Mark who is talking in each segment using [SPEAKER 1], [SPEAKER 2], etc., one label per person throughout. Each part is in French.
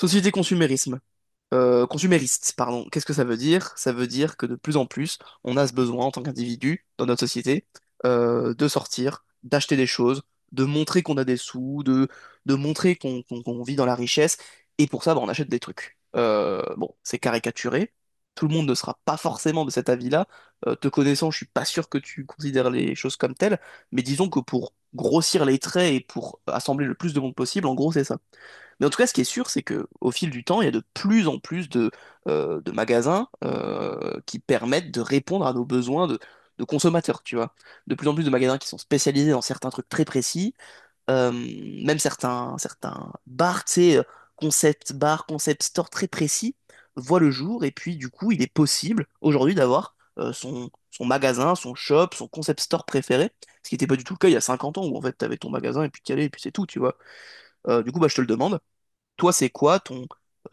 [SPEAKER 1] Société consumérisme. Consumériste, pardon. Qu'est-ce que ça veut dire? Ça veut dire que de plus en plus, on a ce besoin en tant qu'individu dans notre société de sortir, d'acheter des choses, de montrer qu'on a des sous, de montrer qu'on vit dans la richesse. Et pour ça, bah, on achète des trucs. Bon, c'est caricaturé. Tout le monde ne sera pas forcément de cet avis-là. Te connaissant, je suis pas sûr que tu considères les choses comme telles. Mais disons que pour grossir les traits et pour assembler le plus de monde possible, en gros, c'est ça. Mais en tout cas, ce qui est sûr, c'est que au fil du temps, il y a de plus en plus de magasins qui permettent de répondre à nos besoins de consommateurs, tu vois. De plus en plus de magasins qui sont spécialisés dans certains trucs très précis, euh, même certains bars, tu sais, concept bar, concept store très précis, voient le jour. Et puis, du coup, il est possible aujourd'hui d'avoir son magasin, son shop, son concept store préféré, ce qui n'était pas du tout le cas il y a 50 ans où en fait, tu avais ton magasin et puis t'y allais et puis c'est tout, tu vois. Du coup, bah, je te le demande. Toi, c'est quoi ton,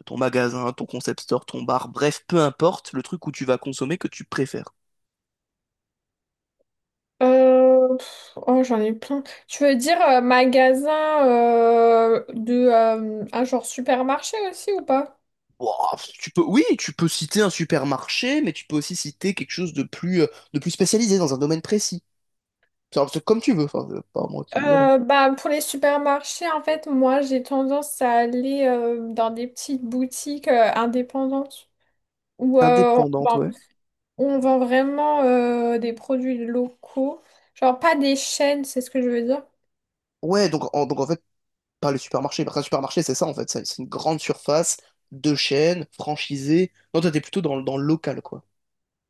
[SPEAKER 1] ton magasin, ton concept store, ton bar, bref, peu importe, le truc où tu vas consommer que tu préfères.
[SPEAKER 2] J'en ai plein. Tu veux dire magasin de un genre supermarché aussi ou pas?
[SPEAKER 1] Ouah, tu peux, oui, tu peux citer un supermarché, mais tu peux aussi citer quelque chose de plus spécialisé dans un domaine précis. C'est comme tu veux, enfin, pas moi qui, voilà.
[SPEAKER 2] Pour les supermarchés, en fait, moi, j'ai tendance à aller dans des petites boutiques indépendantes où euh, on
[SPEAKER 1] Indépendante,
[SPEAKER 2] vend,
[SPEAKER 1] ouais.
[SPEAKER 2] on vend vraiment des produits locaux. Genre, pas des chaînes, c'est ce que je veux dire.
[SPEAKER 1] Ouais, donc en fait, pas le supermarché. Parce qu'un supermarché, c'est ça, en fait. C'est une grande surface, deux chaînes, franchisée. Non, toi, t'es plutôt dans le local, quoi.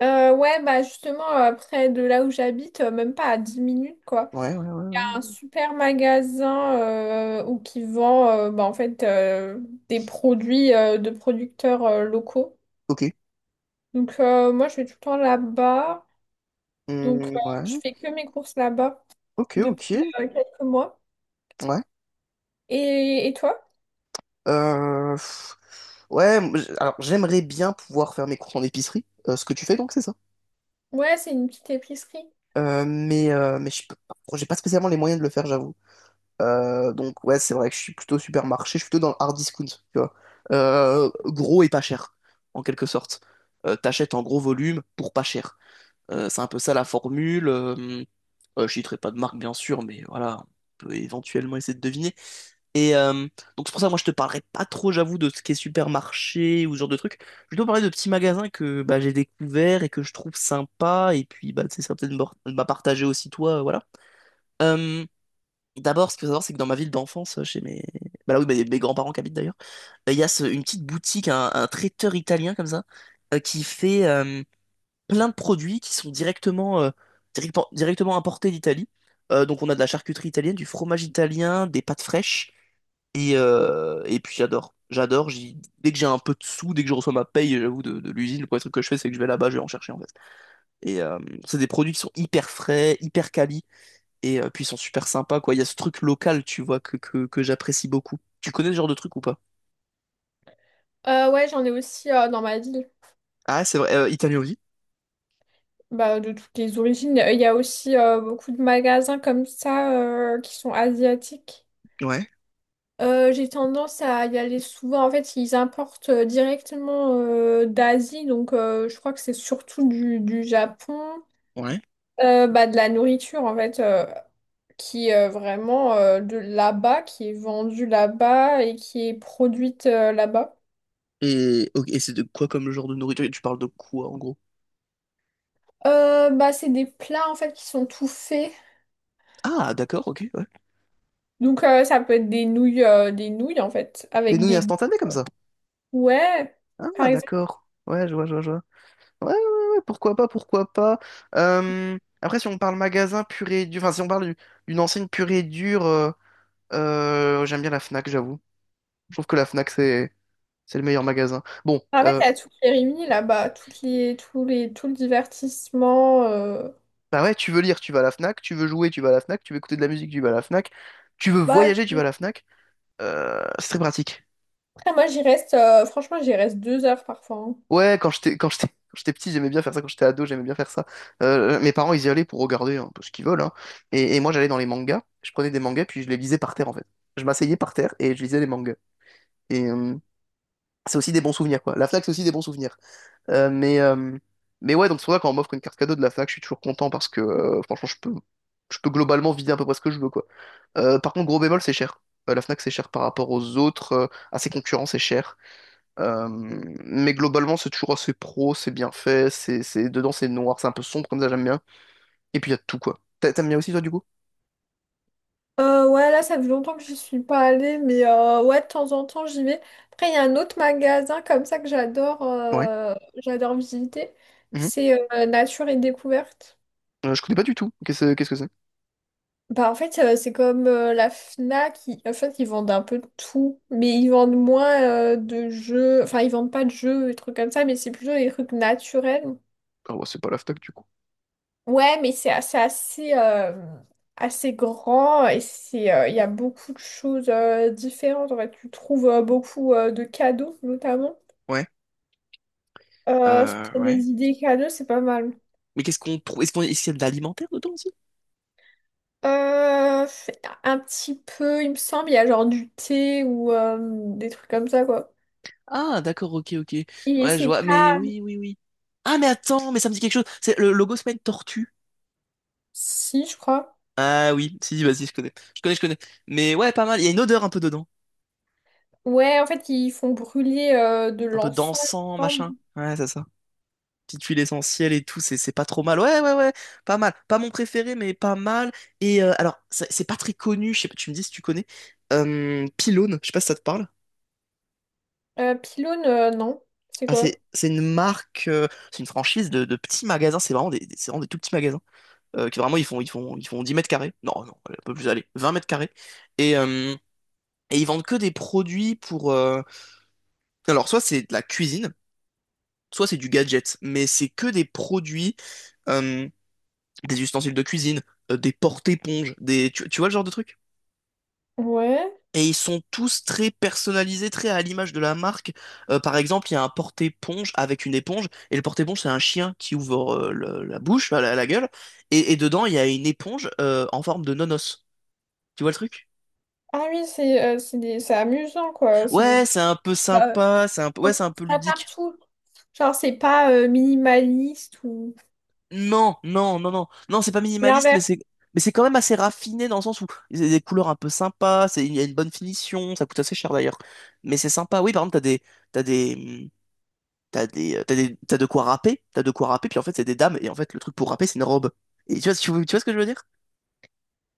[SPEAKER 2] Ouais, bah, justement, près de là où j'habite, même pas à 10 minutes, quoi.
[SPEAKER 1] Ouais, ouais, ouais,
[SPEAKER 2] Un
[SPEAKER 1] ouais.
[SPEAKER 2] super magasin où qui vend en fait des produits de producteurs locaux.
[SPEAKER 1] Ok.
[SPEAKER 2] Moi je vais tout le temps là-bas. Donc euh, je
[SPEAKER 1] Ouais.
[SPEAKER 2] fais que mes courses là-bas
[SPEAKER 1] Ok, ok.
[SPEAKER 2] depuis quelques mois.
[SPEAKER 1] Ouais.
[SPEAKER 2] Et toi?
[SPEAKER 1] Euh, pff, ouais, moi, alors j'aimerais bien pouvoir faire mes courses en épicerie, ce que tu fais donc, c'est ça?
[SPEAKER 2] Ouais, c'est une petite épicerie.
[SPEAKER 1] Mais je peux pas- j'ai pas spécialement les moyens de le faire, j'avoue. Donc ouais, c'est vrai que je suis plutôt supermarché, je suis plutôt dans le hard discount, tu vois. Gros et pas cher, en quelque sorte. T'achètes en gros volume pour pas cher. C'est un peu ça la formule. Je citerai pas de marque, bien sûr, mais voilà, on peut éventuellement essayer de deviner. Et donc c'est pour ça que moi je te parlerai pas trop j'avoue de ce qui est supermarché ou ce genre de truc. Je vais plutôt parler de petits magasins que bah, j'ai découverts et que je trouve sympa et puis bah tu sais, ça va peut-être m'a partagé aussi toi voilà. Euh, d'abord ce qu'il faut savoir c'est que dans ma ville d'enfance chez mes bah là oui bah, mes grands-parents qui habitent d'ailleurs il y a une petite boutique un traiteur italien comme ça qui fait plein de produits qui sont directement importés d'Italie. Donc on a de la charcuterie italienne, du fromage italien, des pâtes fraîches. Et puis j'adore. J'adore. Dès que j'ai un peu de sous, dès que je reçois ma paye, j'avoue, de l'usine, le premier truc que je fais, c'est que je vais là-bas, je vais en chercher en fait. Et c'est des produits qui sont hyper frais, hyper quali, et puis ils sont super sympas, quoi. Il y a ce truc local, tu vois, que j'apprécie beaucoup. Tu connais ce genre de truc ou pas?
[SPEAKER 2] Ouais, j'en ai aussi dans ma ville.
[SPEAKER 1] Ah, c'est vrai. Italien aussi?
[SPEAKER 2] Bah, de toutes les origines. Il y a aussi beaucoup de magasins comme ça qui sont asiatiques.
[SPEAKER 1] Ouais,
[SPEAKER 2] J'ai tendance à y aller souvent. En fait, ils importent directement d'Asie, donc je crois que c'est surtout du Japon.
[SPEAKER 1] ouais.
[SPEAKER 2] De la nourriture en fait, qui est vraiment de là-bas, qui est vendue là-bas et qui est produite là-bas.
[SPEAKER 1] Et, ok, et c'est de quoi comme genre de nourriture? Tu parles de quoi en gros?
[SPEAKER 2] C'est des plats en fait qui sont tout faits.
[SPEAKER 1] Ah, d'accord, ok, ouais.
[SPEAKER 2] Ça peut être des nouilles, des nouilles en fait,
[SPEAKER 1] Des
[SPEAKER 2] avec
[SPEAKER 1] nouilles
[SPEAKER 2] des
[SPEAKER 1] instantanées comme ça.
[SPEAKER 2] ouais, par
[SPEAKER 1] Ah,
[SPEAKER 2] exemple.
[SPEAKER 1] d'accord. Ouais, je vois, je vois, je vois. Ouais, ouais, ouais, pourquoi pas, pourquoi pas. Après, si on parle magasin pur et dur, enfin, si on parle d'une enseigne pure et dure, j'aime bien la Fnac, j'avoue. Je trouve que la Fnac, c'est le meilleur magasin. Bon,
[SPEAKER 2] En fait, il y a tout les est là-bas, toutes les, tous les, tout le divertissement.
[SPEAKER 1] bah ouais, tu veux lire, tu vas à la Fnac, tu veux jouer, tu vas à la Fnac, tu veux écouter de la musique, tu vas à la Fnac, tu veux
[SPEAKER 2] Bah,
[SPEAKER 1] voyager, tu vas
[SPEAKER 2] je-
[SPEAKER 1] à la Fnac. C'est très pratique.
[SPEAKER 2] Après, moi, j'y reste, franchement, j'y reste 2 heures parfois, hein.
[SPEAKER 1] Ouais, quand j'étais petit, j'aimais bien faire ça. Quand j'étais ado, j'aimais bien faire ça. Mes parents, ils y allaient pour regarder un peu ce qu'ils veulent, hein. Et moi, j'allais dans les mangas. Je prenais des mangas, puis je les lisais par terre, en fait. Je m'asseyais par terre et je lisais les mangas. Et c'est aussi des bons souvenirs, quoi. La Fnac, c'est aussi des bons souvenirs. Euh, mais euh, mais ouais, donc c'est pour ça quand on m'offre une carte cadeau de la Fnac, je suis toujours content parce que franchement, je peux globalement vider à peu près ce que je veux, quoi. Par contre, gros bémol, c'est cher. La Fnac, c'est cher par rapport aux autres. À ses concurrents, c'est cher. Euh, mais globalement, c'est toujours assez pro, c'est bien fait, dedans c'est noir, c'est un peu sombre comme ça, j'aime bien. Et puis il y a tout quoi. T'aimes bien aussi toi du coup?
[SPEAKER 2] Ouais, là, ça fait longtemps que j'y suis pas allée, mais ouais, de temps en temps, j'y vais. Après, il y a un autre magasin comme ça que
[SPEAKER 1] Ouais.
[SPEAKER 2] j'adore visiter.
[SPEAKER 1] Mhm.
[SPEAKER 2] C'est Nature et Découverte.
[SPEAKER 1] Je connais pas du tout. Qu'est-ce que c'est?
[SPEAKER 2] Bah, en fait, c'est comme la Fnac. En fait, ils vendent un peu de tout, mais ils vendent moins de jeux. Enfin, ils vendent pas de jeux, des trucs comme ça, mais c'est plutôt des trucs naturels.
[SPEAKER 1] Ah ouais, c'est pas l'AFTAC du coup.
[SPEAKER 2] Ouais, mais c'est assez, assez grand et c'est, il y a beaucoup de choses différentes. En fait, tu trouves beaucoup de cadeaux, notamment.
[SPEAKER 1] Ouais.
[SPEAKER 2] Euh, pour des idées cadeaux, c'est pas mal. Euh, un petit peu, il me semble, il y a genre du thé ou des trucs comme ça, quoi.
[SPEAKER 1] Ah, d'accord, ok, ok.
[SPEAKER 2] Et
[SPEAKER 1] Ouais, je
[SPEAKER 2] c'est
[SPEAKER 1] vois, mais
[SPEAKER 2] pas...
[SPEAKER 1] oui, oui, oui. Ah, mais attends, mais ça me dit quelque chose. C'est le logo, c'est pas une tortue.
[SPEAKER 2] Si, je crois.
[SPEAKER 1] Ah oui, si, si, vas-y, je connais. Je connais, je connais. Mais ouais, pas mal. Il y a une odeur un peu dedans.
[SPEAKER 2] Ouais, en fait, ils font brûler de
[SPEAKER 1] Un peu
[SPEAKER 2] l'encens, il me
[SPEAKER 1] d'encens,
[SPEAKER 2] semble.
[SPEAKER 1] machin. Ouais, c'est ça. Petite huile essentielle et tout, c'est pas trop mal. Ouais, ouais, ouais, pas mal. Pas mon préféré, mais pas mal. Et alors, c'est pas très connu, je sais pas, tu me dis si tu connais. Pylone, je sais pas si ça te parle.
[SPEAKER 2] Pylône, non. C'est
[SPEAKER 1] Ah,
[SPEAKER 2] quoi?
[SPEAKER 1] c'est une marque, c'est une franchise de petits magasins, c'est vraiment c'est vraiment des tout petits magasins. Qui vraiment, ils font 10 mètres carrés. Non, non, un peu plus, allez, 20 mètres carrés. Et, euh, et ils vendent que des produits pour... Alors, soit c'est de la cuisine, soit c'est du gadget, mais c'est que des produits... euh, des ustensiles de cuisine, des porte-éponges, des... Tu vois le genre de truc?
[SPEAKER 2] Ouais.
[SPEAKER 1] Et ils sont tous très personnalisés, très à l'image de la marque. Par exemple, il y a un porte-éponge avec une éponge, et le porte-éponge, c'est un chien qui ouvre la bouche, enfin, la gueule, et dedans, il y a une éponge en forme de nonos. Tu vois le truc?
[SPEAKER 2] Ah oui, c'est c'est amusant, quoi. C'est des
[SPEAKER 1] Ouais, c'est
[SPEAKER 2] petits
[SPEAKER 1] un peu
[SPEAKER 2] pas.
[SPEAKER 1] sympa, c'est un peu,
[SPEAKER 2] On
[SPEAKER 1] ouais, c'est
[SPEAKER 2] trouve
[SPEAKER 1] un peu
[SPEAKER 2] ça
[SPEAKER 1] ludique.
[SPEAKER 2] partout. Genre, c'est pas minimaliste ou
[SPEAKER 1] Non, non, non, non, non, c'est pas
[SPEAKER 2] c'est
[SPEAKER 1] minimaliste, mais
[SPEAKER 2] l'inverse.
[SPEAKER 1] c'est, mais c'est quand même assez raffiné dans le sens où il y a des couleurs un peu sympas, il y a une bonne finition, ça coûte assez cher d'ailleurs, mais c'est sympa. Oui, par exemple, t'as des, mm, t'as de quoi râper, puis en fait c'est des dames, et en fait le truc pour râper c'est une robe. Et tu vois, tu vois ce que je veux dire?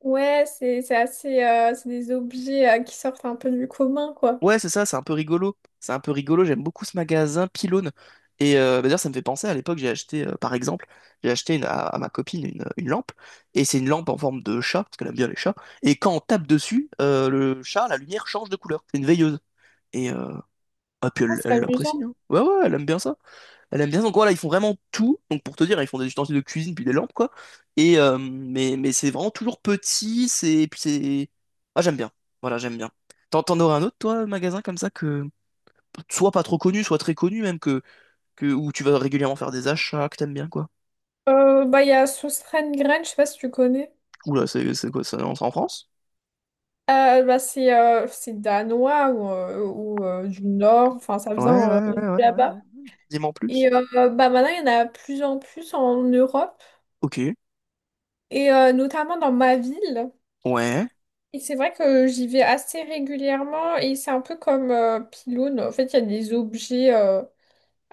[SPEAKER 2] Ouais, c'est assez, c'est des objets qui sortent un peu du commun, quoi.
[SPEAKER 1] Ouais, c'est ça, c'est un peu rigolo. C'est un peu rigolo, j'aime beaucoup ce magasin Pylône. Et bah, d'ailleurs, ça me fait penser, à l'époque, j'ai acheté, par exemple, j'ai acheté à ma copine une lampe, et c'est une lampe en forme de chat, parce qu'elle aime bien les chats, et quand on tape dessus, le chat, la lumière change de couleur. C'est une veilleuse. Et, euh, ah, puis
[SPEAKER 2] Ah,
[SPEAKER 1] elle
[SPEAKER 2] c'est
[SPEAKER 1] elle
[SPEAKER 2] amusant.
[SPEAKER 1] l'apprécie, hein. Ouais, ouais, elle aime bien ça. Elle aime bien, ça. Donc voilà, ils font vraiment tout. Donc pour te dire, ils font des ustensiles de cuisine, puis des lampes, quoi. Mais c'est vraiment toujours petit, c'est, puis c'est... Ah, j'aime bien. Voilà, j'aime bien. T'en aurais un autre, toi, magasin comme ça que soit pas trop connu, soit très connu même, où tu vas régulièrement faire des achats que t'aimes bien, quoi.
[SPEAKER 2] Il y a Sostengren, je sais pas si tu connais.
[SPEAKER 1] Oula, c'est quoi, ça c'est en France?
[SPEAKER 2] C'est danois ou du Nord. Enfin, ça
[SPEAKER 1] Ouais,
[SPEAKER 2] vient
[SPEAKER 1] ouais,
[SPEAKER 2] de
[SPEAKER 1] ouais, ouais, ouais.
[SPEAKER 2] là-bas.
[SPEAKER 1] Ouais. Dis-moi en
[SPEAKER 2] Et
[SPEAKER 1] plus.
[SPEAKER 2] euh, Maintenant, il y en a plus en plus en Europe.
[SPEAKER 1] Ok.
[SPEAKER 2] Notamment dans ma ville.
[SPEAKER 1] Ouais.
[SPEAKER 2] Et c'est vrai que j'y vais assez régulièrement et c'est un peu comme Pilone. En fait, il y a des objets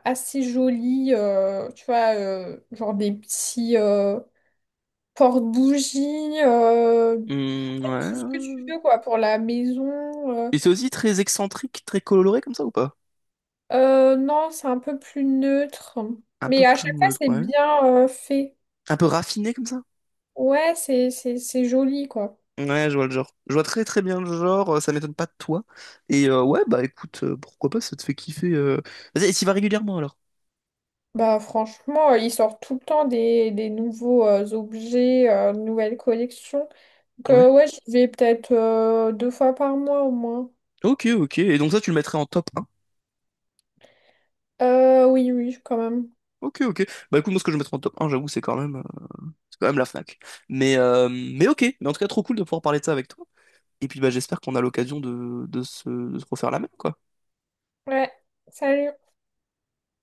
[SPEAKER 2] assez jolis, tu vois, genre des petits porte-bougies, en
[SPEAKER 1] Hmm,
[SPEAKER 2] fait, tout ce que
[SPEAKER 1] ouais.
[SPEAKER 2] tu veux, quoi, pour la maison. euh.
[SPEAKER 1] Et c'est aussi très excentrique, très coloré comme ça ou pas?
[SPEAKER 2] Non, c'est un peu plus neutre.
[SPEAKER 1] Un peu
[SPEAKER 2] Mais à
[SPEAKER 1] plus
[SPEAKER 2] chaque fois,
[SPEAKER 1] neutre,
[SPEAKER 2] c'est
[SPEAKER 1] ouais.
[SPEAKER 2] bien fait.
[SPEAKER 1] Un peu raffiné comme ça?
[SPEAKER 2] Ouais, c'est joli, quoi.
[SPEAKER 1] Ouais, je vois le genre. Je vois très très bien le genre, ça m'étonne pas de toi. Et ouais, bah écoute, pourquoi pas, ça te fait kiffer. Vas-y, et t'y vas régulièrement alors?
[SPEAKER 2] Bah franchement, ils sortent tout le temps des nouveaux objets, nouvelles collections. Donc,
[SPEAKER 1] Ouais.
[SPEAKER 2] ouais, j'y vais peut-être 2 fois par mois au moins.
[SPEAKER 1] Ok, ok. Et donc ça, tu le mettrais en top un?
[SPEAKER 2] Oui, oui, quand même.
[SPEAKER 1] Ok, ok. Bah écoute, moi ce que je mettrais en top un j'avoue, c'est quand même. C'est quand même la Fnac. Mais ok, mais en tout cas, trop cool de pouvoir parler de ça avec toi. Et puis bah, j'espère qu'on a l'occasion de se refaire la même, quoi.
[SPEAKER 2] Ouais, salut.